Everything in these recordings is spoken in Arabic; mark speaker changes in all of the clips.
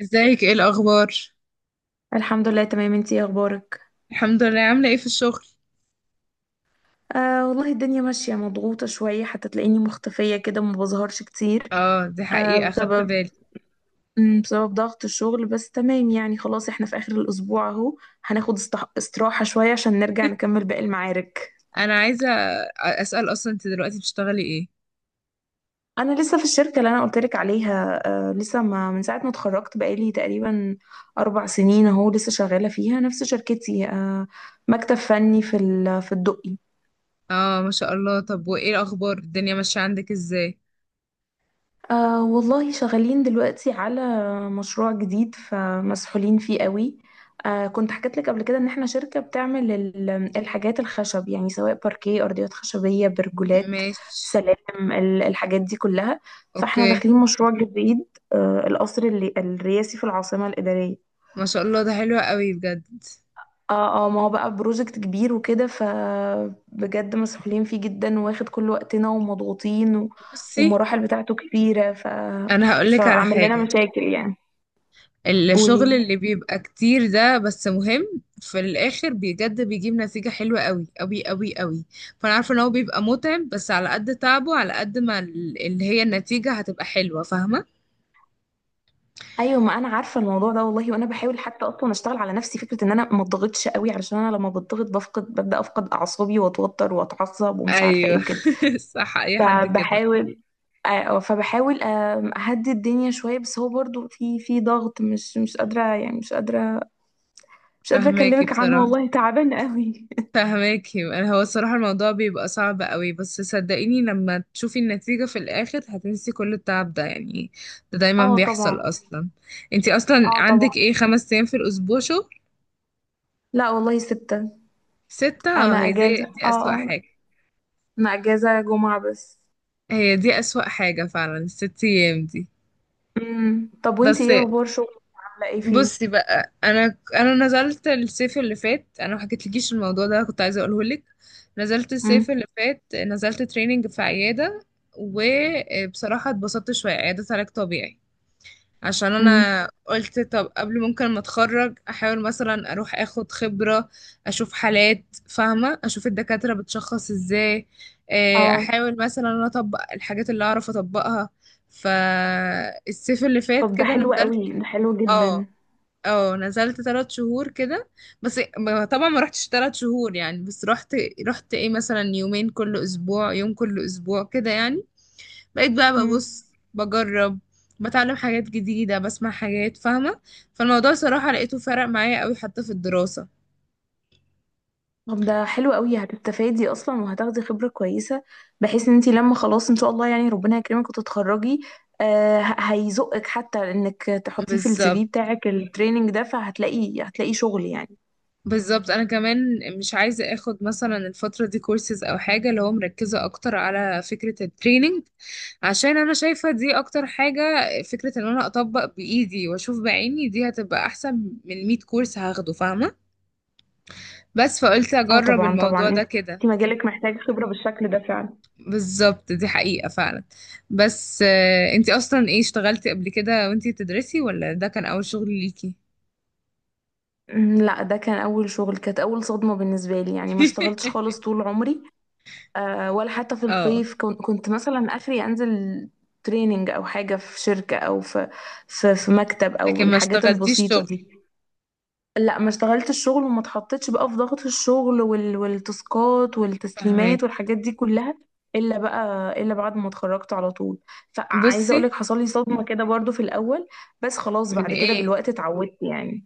Speaker 1: ازيك؟ ايه الاخبار؟
Speaker 2: الحمد لله، تمام. انتي ايه اخبارك؟
Speaker 1: الحمد لله. عامله ايه في الشغل؟
Speaker 2: والله الدنيا ماشية مضغوطة شوية، حتى تلاقيني مختفية كده ما بظهرش كتير.
Speaker 1: اه، دي
Speaker 2: آه
Speaker 1: حقيقه، خدت
Speaker 2: بسبب
Speaker 1: بالي.
Speaker 2: بسبب ضغط الشغل، بس تمام يعني. خلاص احنا في اخر الاسبوع اهو، هناخد استراحة شوية عشان نرجع نكمل باقي المعارك.
Speaker 1: انا عايزه اسال، اصلا انت دلوقتي بتشتغلي ايه؟
Speaker 2: انا لسه في الشركة اللي انا قلتلك عليها. لسه، ما من ساعة ما اتخرجت بقالي تقريبا 4 سنين اهو لسه شغالة فيها نفس شركتي. مكتب فني في الدقي.
Speaker 1: اه ما شاء الله. طب وايه الاخبار، الدنيا ماشيه عندك ازاي؟
Speaker 2: والله شغالين دلوقتي على مشروع جديد، فمسحولين فيه قوي. كنت حكيت لك قبل كده ان احنا شركة بتعمل الحاجات الخشب، يعني سواء باركيه، ارضيات خشبية، برجولات،
Speaker 1: ماشي.
Speaker 2: سلالم، الحاجات دي كلها. فاحنا
Speaker 1: اوكي.
Speaker 2: داخلين مشروع جديد. القصر اللي الرئاسي في العاصمة الإدارية.
Speaker 1: ما شاء الله، ده حلو قوي بجد.
Speaker 2: اه، اه، ما هو بقى بروجكت كبير وكده، فبجد مسؤولين فيه جدا، واخد كل وقتنا ومضغوطين.
Speaker 1: بصي،
Speaker 2: والمراحل بتاعته كبيرة.
Speaker 1: انا هقولك على
Speaker 2: فعمل لنا
Speaker 1: حاجه.
Speaker 2: مشاكل يعني.
Speaker 1: الشغل
Speaker 2: قولي.
Speaker 1: اللي بيبقى كتير ده، بس مهم في الاخر، بجد بيجيب نتيجة حلوة قوي قوي قوي قوي. فانا عارفة ان هو بيبقى متعب، بس على قد تعبه على قد ما اللي هي النتيجة هتبقى حلوة، فاهمة؟
Speaker 2: ايوه، ما انا عارفه الموضوع ده والله، وانا بحاول حتى اصلا اشتغل على نفسي، فكره ان انا ما اتضغطش قوي، علشان انا لما بتضغط ببدا افقد اعصابي واتوتر واتعصب ومش عارفه ايه
Speaker 1: ايوه.
Speaker 2: وكده.
Speaker 1: صح، اي حد كده.
Speaker 2: فبحاول فبحاول اهدي الدنيا شويه. بس هو برضو في ضغط، مش قادره يعني، مش قادره، مش قادرة
Speaker 1: فهماكي
Speaker 2: أكلمك عنه،
Speaker 1: بصراحة.
Speaker 2: والله تعبان قوي.
Speaker 1: فهماكي، انا هو الصراحة الموضوع بيبقى صعب قوي، بس صدقيني لما تشوفي النتيجة في الاخر هتنسي كل التعب ده يعني. ده دايما
Speaker 2: اه طبعا.
Speaker 1: بيحصل اصلا. انتي اصلا
Speaker 2: اه طبعا.
Speaker 1: عندك ايه، 5 ايام في الاسبوع؟
Speaker 2: لا والله ستة.
Speaker 1: ستة.
Speaker 2: أنا
Speaker 1: اه، هي دي
Speaker 2: أجازة
Speaker 1: دي
Speaker 2: اه
Speaker 1: أسوأ
Speaker 2: اه
Speaker 1: حاجة.
Speaker 2: أنا أجازة جمعة بس.
Speaker 1: هي دي أسوأ حاجة فعلا، الست أيام دي.
Speaker 2: طب وانتي
Speaker 1: بس
Speaker 2: ايه أخبار شغلك؟ عاملة ايه فيه؟
Speaker 1: بصي بقى، أنا نزلت الصيف اللي فات. أنا ما حكيتلكيش الموضوع ده، كنت عايزة أقوله لك. نزلت
Speaker 2: امم.
Speaker 1: الصيف اللي فات، نزلت تريننج في عيادة. وبصراحة اتبسطت شوية، عيادة علاج طبيعي. عشان
Speaker 2: امم.
Speaker 1: انا قلت طب قبل ممكن ما اتخرج احاول مثلا اروح اخد خبرة. اشوف حالات، فاهمة؟ اشوف الدكاترة بتشخص ازاي.
Speaker 2: اه.
Speaker 1: احاول مثلا انا اطبق الحاجات اللي اعرف اطبقها. فالصيف اللي فات
Speaker 2: طب ده
Speaker 1: كده
Speaker 2: حلو
Speaker 1: نزلت.
Speaker 2: قوي، ده حلو
Speaker 1: اه
Speaker 2: جدا.
Speaker 1: اه، نزلت 3 شهور كده. بس طبعا ما رحتش 3 شهور يعني، بس رحت. رحت ايه، مثلا يومين كل اسبوع، يوم كل اسبوع كده يعني. بقيت بقى
Speaker 2: امم
Speaker 1: ببص بجرب، بتعلم حاجات جديدة، بسمع حاجات، فاهمة؟ فالموضوع صراحة لقيته فرق معايا قوي حتى في الدراسة.
Speaker 2: طب ده حلو قوي، هتستفادي أصلا وهتاخدي خبرة كويسة، بحيث ان انتي لما خلاص إن شاء الله يعني ربنا يكرمك وتتخرجي. هيزقك حتى انك تحطيه في السي
Speaker 1: بالظبط.
Speaker 2: في بتاعك، التريننج ده فهتلاقي شغل يعني.
Speaker 1: بالظبط، انا كمان مش عايزة اخد مثلا الفترة دي كورسز او حاجة، اللي هو مركزة اكتر على فكرة التريننج. عشان انا شايفة دي اكتر حاجة. فكرة ان انا اطبق بايدي واشوف بعيني دي هتبقى احسن من 100 كورس هاخده، فاهمة؟ بس فقلت
Speaker 2: اه
Speaker 1: اجرب
Speaker 2: طبعا، طبعا.
Speaker 1: الموضوع ده
Speaker 2: انت
Speaker 1: كده.
Speaker 2: انت مجالك محتاج خبرة بالشكل ده فعلا.
Speaker 1: بالظبط، دي حقيقة فعلا. بس انتي اصلا ايه، اشتغلتي قبل كده وانتي بتدرسي، ولا ده كان اول شغل ليكي؟
Speaker 2: لا، ده كان اول شغل، كانت اول صدمة بالنسبة لي يعني، ما اشتغلتش خالص طول عمري. ولا حتى في
Speaker 1: اه.
Speaker 2: الصيف كنت مثلا اخري انزل تريننج او حاجة في شركة او في مكتب او
Speaker 1: لكن ما
Speaker 2: الحاجات
Speaker 1: اشتغلتيش
Speaker 2: البسيطة
Speaker 1: شغل.
Speaker 2: دي. لا ما اشتغلتش الشغل، وما اتحطيتش بقى في ضغط الشغل والتاسكات والتسليمات
Speaker 1: فهمك.
Speaker 2: والحاجات دي كلها. الا بقى الا بعد ما اتخرجت على طول. فعايزه
Speaker 1: بصي،
Speaker 2: اقول لك حصل لي صدمه كده برضو في الاول، بس خلاص
Speaker 1: من
Speaker 2: بعد كده
Speaker 1: ايه؟
Speaker 2: بالوقت اتعودت يعني.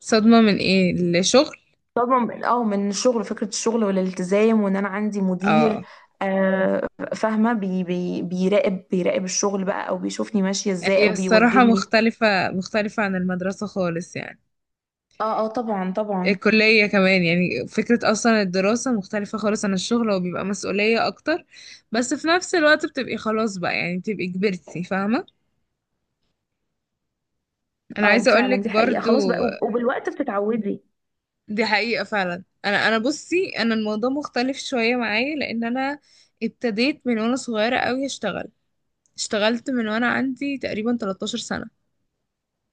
Speaker 1: صدمة من ايه، الشغل؟
Speaker 2: صدمه من- اه من الشغل، فكره الشغل والالتزام، وان انا عندي مدير.
Speaker 1: اه،
Speaker 2: آه فاهمه بي... بي... بيراقب بيراقب الشغل بقى او بيشوفني ماشيه ازاي
Speaker 1: هي
Speaker 2: او
Speaker 1: الصراحة
Speaker 2: بيوجهني.
Speaker 1: مختلفة، مختلفة عن المدرسة خالص يعني.
Speaker 2: اه، اه طبعا، طبعا.
Speaker 1: الكلية كمان، يعني فكرة أصلا الدراسة مختلفة خالص عن الشغل، وبيبقى مسؤولية أكتر. بس في نفس الوقت بتبقي خلاص بقى يعني، بتبقي كبرتي، فاهمة؟ انا
Speaker 2: اه
Speaker 1: عايزه اقول
Speaker 2: فعلا
Speaker 1: لك
Speaker 2: دي حقيقه،
Speaker 1: برضو.
Speaker 2: خلاص بقى وبالوقت بتتعودي.
Speaker 1: دي حقيقه فعلا. انا بصي انا الموضوع مختلف شويه معايا، لان انا ابتديت من وانا صغيره قوي اشتغل. اشتغلت من وانا عندي تقريبا 13 سنه.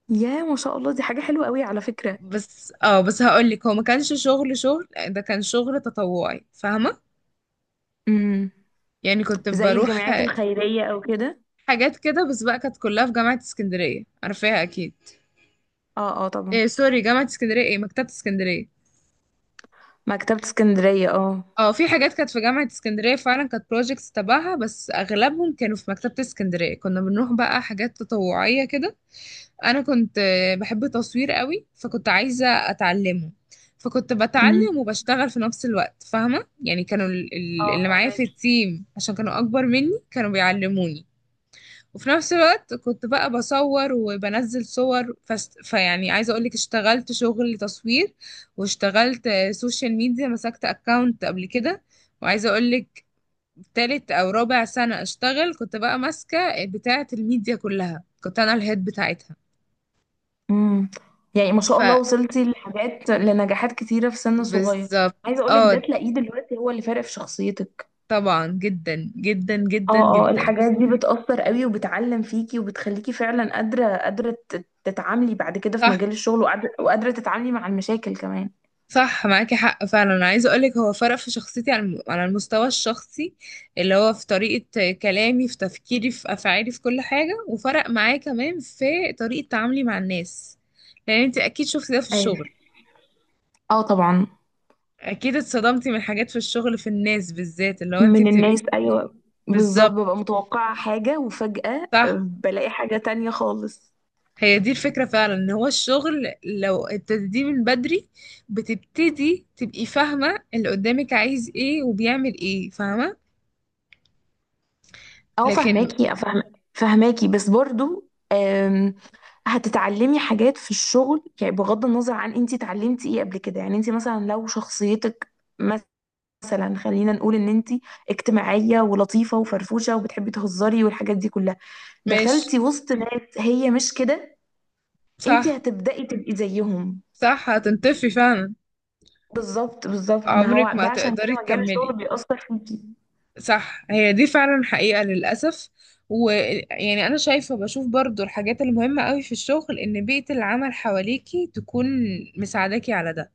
Speaker 2: يا ما شاء الله، دي حاجة حلوة قوي على فكرة.
Speaker 1: بس اه، بس هقول لك، هو ما كانش شغل شغل. ده كان شغل تطوعي، فاهمه؟
Speaker 2: امم.
Speaker 1: يعني كنت
Speaker 2: زي
Speaker 1: بروح
Speaker 2: الجمعيات الخيرية او كده.
Speaker 1: حاجات كده، بس بقى كانت كلها في جامعه اسكندريه، عارفاها اكيد.
Speaker 2: اه، اه طبعا.
Speaker 1: إيه، سوري، جامعه اسكندريه ايه، مكتبه اسكندريه.
Speaker 2: مكتبة اسكندرية، اه.
Speaker 1: اه، في حاجات كانت في جامعة اسكندرية فعلا كانت بروجيكتس تبعها، بس اغلبهم كانوا في مكتبة اسكندرية. كنا بنروح بقى حاجات تطوعية كده. انا كنت بحب تصوير قوي فكنت عايزة اتعلمه. فكنت
Speaker 2: امم.
Speaker 1: بتعلم وبشتغل في نفس الوقت، فاهمة يعني؟ كانوا
Speaker 2: اه،
Speaker 1: اللي معايا في
Speaker 2: فاهمك.
Speaker 1: التيم، عشان كانوا اكبر مني كانوا بيعلموني. وفي نفس الوقت كنت بقى بصور وبنزل صور، فيعني عايزه اقولك اشتغلت شغل تصوير. واشتغلت سوشيال ميديا، مسكت اكاونت قبل كده. وعايزه اقولك، تالت او رابع سنه اشتغل كنت بقى ماسكه بتاعه الميديا كلها، كنت انا الهيد بتاعتها.
Speaker 2: امم. يعني ما
Speaker 1: ف
Speaker 2: شاء الله، وصلتي لنجاحات كتيرة في سن صغير.
Speaker 1: بالظبط.
Speaker 2: عايزة اقولك ده
Speaker 1: اه
Speaker 2: تلاقيه دلوقتي هو اللي فارق في شخصيتك.
Speaker 1: طبعا، جدا جدا جدا
Speaker 2: اه، اه،
Speaker 1: جدا.
Speaker 2: الحاجات دي بتأثر قوي وبتعلم فيكي وبتخليكي فعلا قادرة تتعاملي بعد كده في
Speaker 1: صح.
Speaker 2: مجال الشغل، وقادرة تتعاملي مع المشاكل كمان.
Speaker 1: صح معاكي حق فعلا. انا عايزه اقولك، هو فرق في شخصيتي على على المستوى الشخصي، اللي هو في طريقه كلامي، في تفكيري، في افعالي، في كل حاجه. وفرق معايا كمان في طريقه تعاملي مع الناس. لان انت اكيد شفتي ده في
Speaker 2: ايوه.
Speaker 1: الشغل.
Speaker 2: اه طبعا.
Speaker 1: اكيد اتصدمتي من حاجات في الشغل، في الناس بالذات، اللي هو انت
Speaker 2: من
Speaker 1: بتبقي.
Speaker 2: الناس، ايوه. بالظبط، ببقى
Speaker 1: بالظبط.
Speaker 2: متوقعة حاجة وفجأة
Speaker 1: صح،
Speaker 2: بلاقي حاجة تانية خالص.
Speaker 1: هي دي الفكره فعلا. ان هو الشغل لو ابتديتيه من بدري بتبتدي تبقي فاهمه اللي قدامك عايز ايه وبيعمل ايه، فاهمه؟
Speaker 2: اه،
Speaker 1: لكن
Speaker 2: فهماكي افهم. فهماكي، بس برضو هتتعلمي حاجات في الشغل يعني، بغض النظر عن انتي اتعلمتي ايه قبل كده. يعني انتي مثلا لو شخصيتك، مثلا خلينا نقول ان انتي اجتماعية ولطيفة وفرفوشة وبتحبي تهزري والحاجات دي كلها،
Speaker 1: ماشي.
Speaker 2: دخلتي وسط ناس هي مش كده، انتي
Speaker 1: صح.
Speaker 2: هتبدأي تبقي زيهم.
Speaker 1: صح، هتنطفي فعلا.
Speaker 2: بالظبط، بالظبط، ما
Speaker 1: عمرك
Speaker 2: هو
Speaker 1: ما
Speaker 2: ده عشان
Speaker 1: تقدري
Speaker 2: كده مجال
Speaker 1: تكملي.
Speaker 2: الشغل بيأثر فيكي.
Speaker 1: صح، هي دي فعلا حقيقة للأسف. ويعني أنا شايفة، بشوف برضو الحاجات المهمة قوي في الشغل، إن بيئة العمل حواليكي تكون مساعداكي على ده،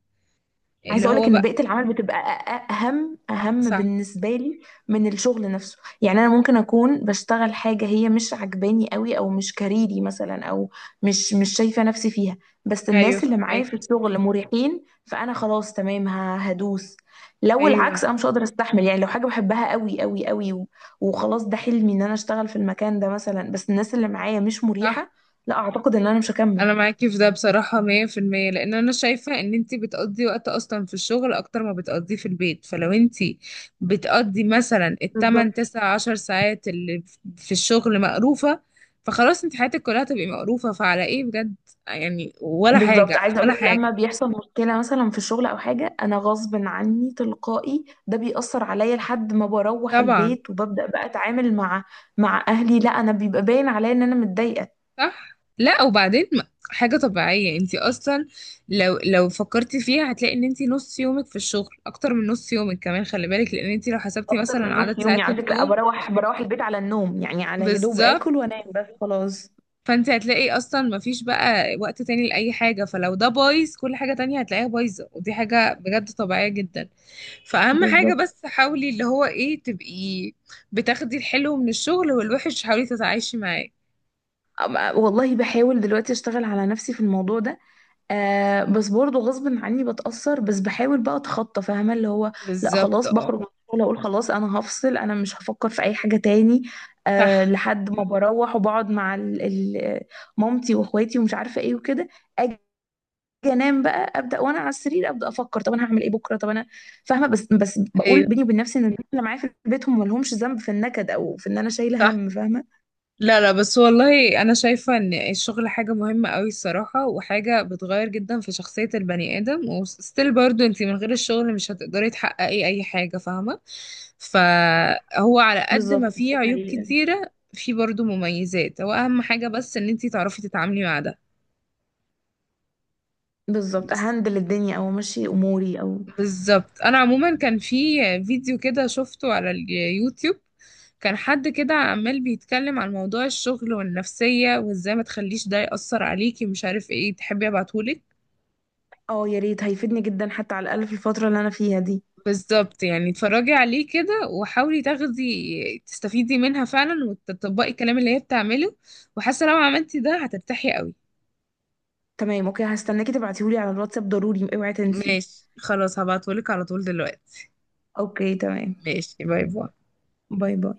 Speaker 2: عايزه
Speaker 1: اللي
Speaker 2: اقول لك
Speaker 1: هو
Speaker 2: ان
Speaker 1: بقى.
Speaker 2: بيئه العمل بتبقى اهم
Speaker 1: صح.
Speaker 2: بالنسبه لي من الشغل نفسه، يعني انا ممكن اكون بشتغل حاجه هي مش عجباني قوي، او مش كاريري مثلا، او مش شايفه نفسي فيها، بس
Speaker 1: أيوة
Speaker 2: الناس اللي معايا
Speaker 1: فاهمك.
Speaker 2: في الشغل مريحين، فانا خلاص تمام هدوس. لو
Speaker 1: أيوة.
Speaker 2: العكس انا مش هقدر استحمل يعني، لو حاجه بحبها قوي قوي قوي وخلاص ده حلمي ان انا اشتغل في المكان ده مثلا، بس الناس اللي معايا مش
Speaker 1: صح.
Speaker 2: مريحه، لا اعتقد ان انا مش هكمل.
Speaker 1: انا معاكي في ده بصراحة 100%. لان انا شايفة ان انتي بتقضي وقت اصلا في الشغل اكتر ما بتقضيه في البيت. فلو انتي بتقضي مثلا
Speaker 2: بالظبط،
Speaker 1: التمن تسع عشر ساعات اللي في الشغل مقروفة، فخلاص انت حياتك كلها تبقي مقروفة. فعلى ايه بجد يعني؟ ولا حاجة،
Speaker 2: بالظبط،
Speaker 1: على
Speaker 2: عايزه اقول
Speaker 1: ولا
Speaker 2: لك لما
Speaker 1: حاجة.
Speaker 2: بيحصل مشكله مثلا في الشغل او حاجه، انا غصب عني تلقائي ده بيأثر عليا لحد ما بروح
Speaker 1: طبعا.
Speaker 2: البيت، وببدأ بقى اتعامل مع اهلي، لا، انا بيبقى باين عليا ان انا متضايقه.
Speaker 1: صح. لا، وبعدين حاجة طبيعية. انتي اصلا لو فكرتي فيها هتلاقي ان انتي نص يومك في الشغل، اكتر من نص يومك كمان خلي بالك. لان انتي لو حسبتي
Speaker 2: اكتر
Speaker 1: مثلا
Speaker 2: من
Speaker 1: عدد
Speaker 2: نص يومي
Speaker 1: ساعات
Speaker 2: على فكره،
Speaker 1: النوم.
Speaker 2: بروح البيت على النوم يعني، على يا دوب
Speaker 1: بالظبط.
Speaker 2: اكل وانام بس خلاص.
Speaker 1: فانت هتلاقي اصلا مفيش بقى وقت تاني لاي حاجه، فلو ده بايظ كل حاجه تانية هتلاقيها بايظه. ودي حاجه بجد طبيعيه جدا. فاهم حاجه،
Speaker 2: بالظبط.
Speaker 1: بس حاولي اللي هو ايه، تبقي بتاخدي الحلو من الشغل والوحش، حاولي تتعايشي معاه.
Speaker 2: والله بحاول دلوقتي اشتغل على نفسي في الموضوع ده. بس برضه غصب عني بتأثر، بس بحاول بقى اتخطى فاهمة اللي هو، لا
Speaker 1: بالظبط.
Speaker 2: خلاص
Speaker 1: اه.
Speaker 2: بخرج من الشغل اقول خلاص انا هفصل، انا مش هفكر في اي حاجة تاني.
Speaker 1: صح.
Speaker 2: لحد ما بروح وبقعد مع مامتي واخواتي ومش عارفة ايه وكده. اجي انام بقى، ابدا وانا على السرير ابدا افكر، طب انا هعمل ايه بكره، طب انا. فاهمه، بس بقول
Speaker 1: ايوه.
Speaker 2: بيني وبين نفسي ان الناس اللي معايا في البيت هم مالهمش ذنب في النكد او في ان انا شايله
Speaker 1: صح.
Speaker 2: هم فاهمه.
Speaker 1: لا لا، بس والله انا شايفة ان الشغل حاجة مهمة قوي الصراحة، وحاجة بتغير جدا في شخصية البني ادم. وستيل برضو، انتي من غير الشغل مش هتقدري تحققي اي حاجة، فاهمة؟ فهو على قد ما
Speaker 2: بالظبط،
Speaker 1: فيه
Speaker 2: دي
Speaker 1: عيوب
Speaker 2: حقيقة.
Speaker 1: كتيرة، فيه برضو مميزات. هو اهم حاجة بس ان انتي تعرفي تتعاملي مع ده.
Speaker 2: بالظبط،
Speaker 1: بس
Speaker 2: اهندل الدنيا او امشي اموري او.
Speaker 1: بالظبط. انا عموما كان في فيديو كده شفته على اليوتيوب. كان حد كده عمال بيتكلم عن موضوع الشغل والنفسية وازاي ما تخليش ده يأثر عليكي، مش عارف ايه. تحبي ابعتهولك؟
Speaker 2: اه يا ريت، هيفيدني جدا حتى على الاقل في الفتره اللي انا فيها دي.
Speaker 1: بالظبط يعني. اتفرجي عليه كده وحاولي تاخدي، تستفيدي منها فعلا، وتطبقي الكلام اللي هي بتعمله. وحاسة لو عملتي ده هترتاحي قوي.
Speaker 2: تمام اوكي، هستناكي تبعتيهولي على الواتساب، ضروري اوعي تنسي.
Speaker 1: ماشي، خلاص هبعتهولك على طول دلوقتي.
Speaker 2: اوكي تمام.
Speaker 1: ماشي، باي باي.
Speaker 2: باي باي.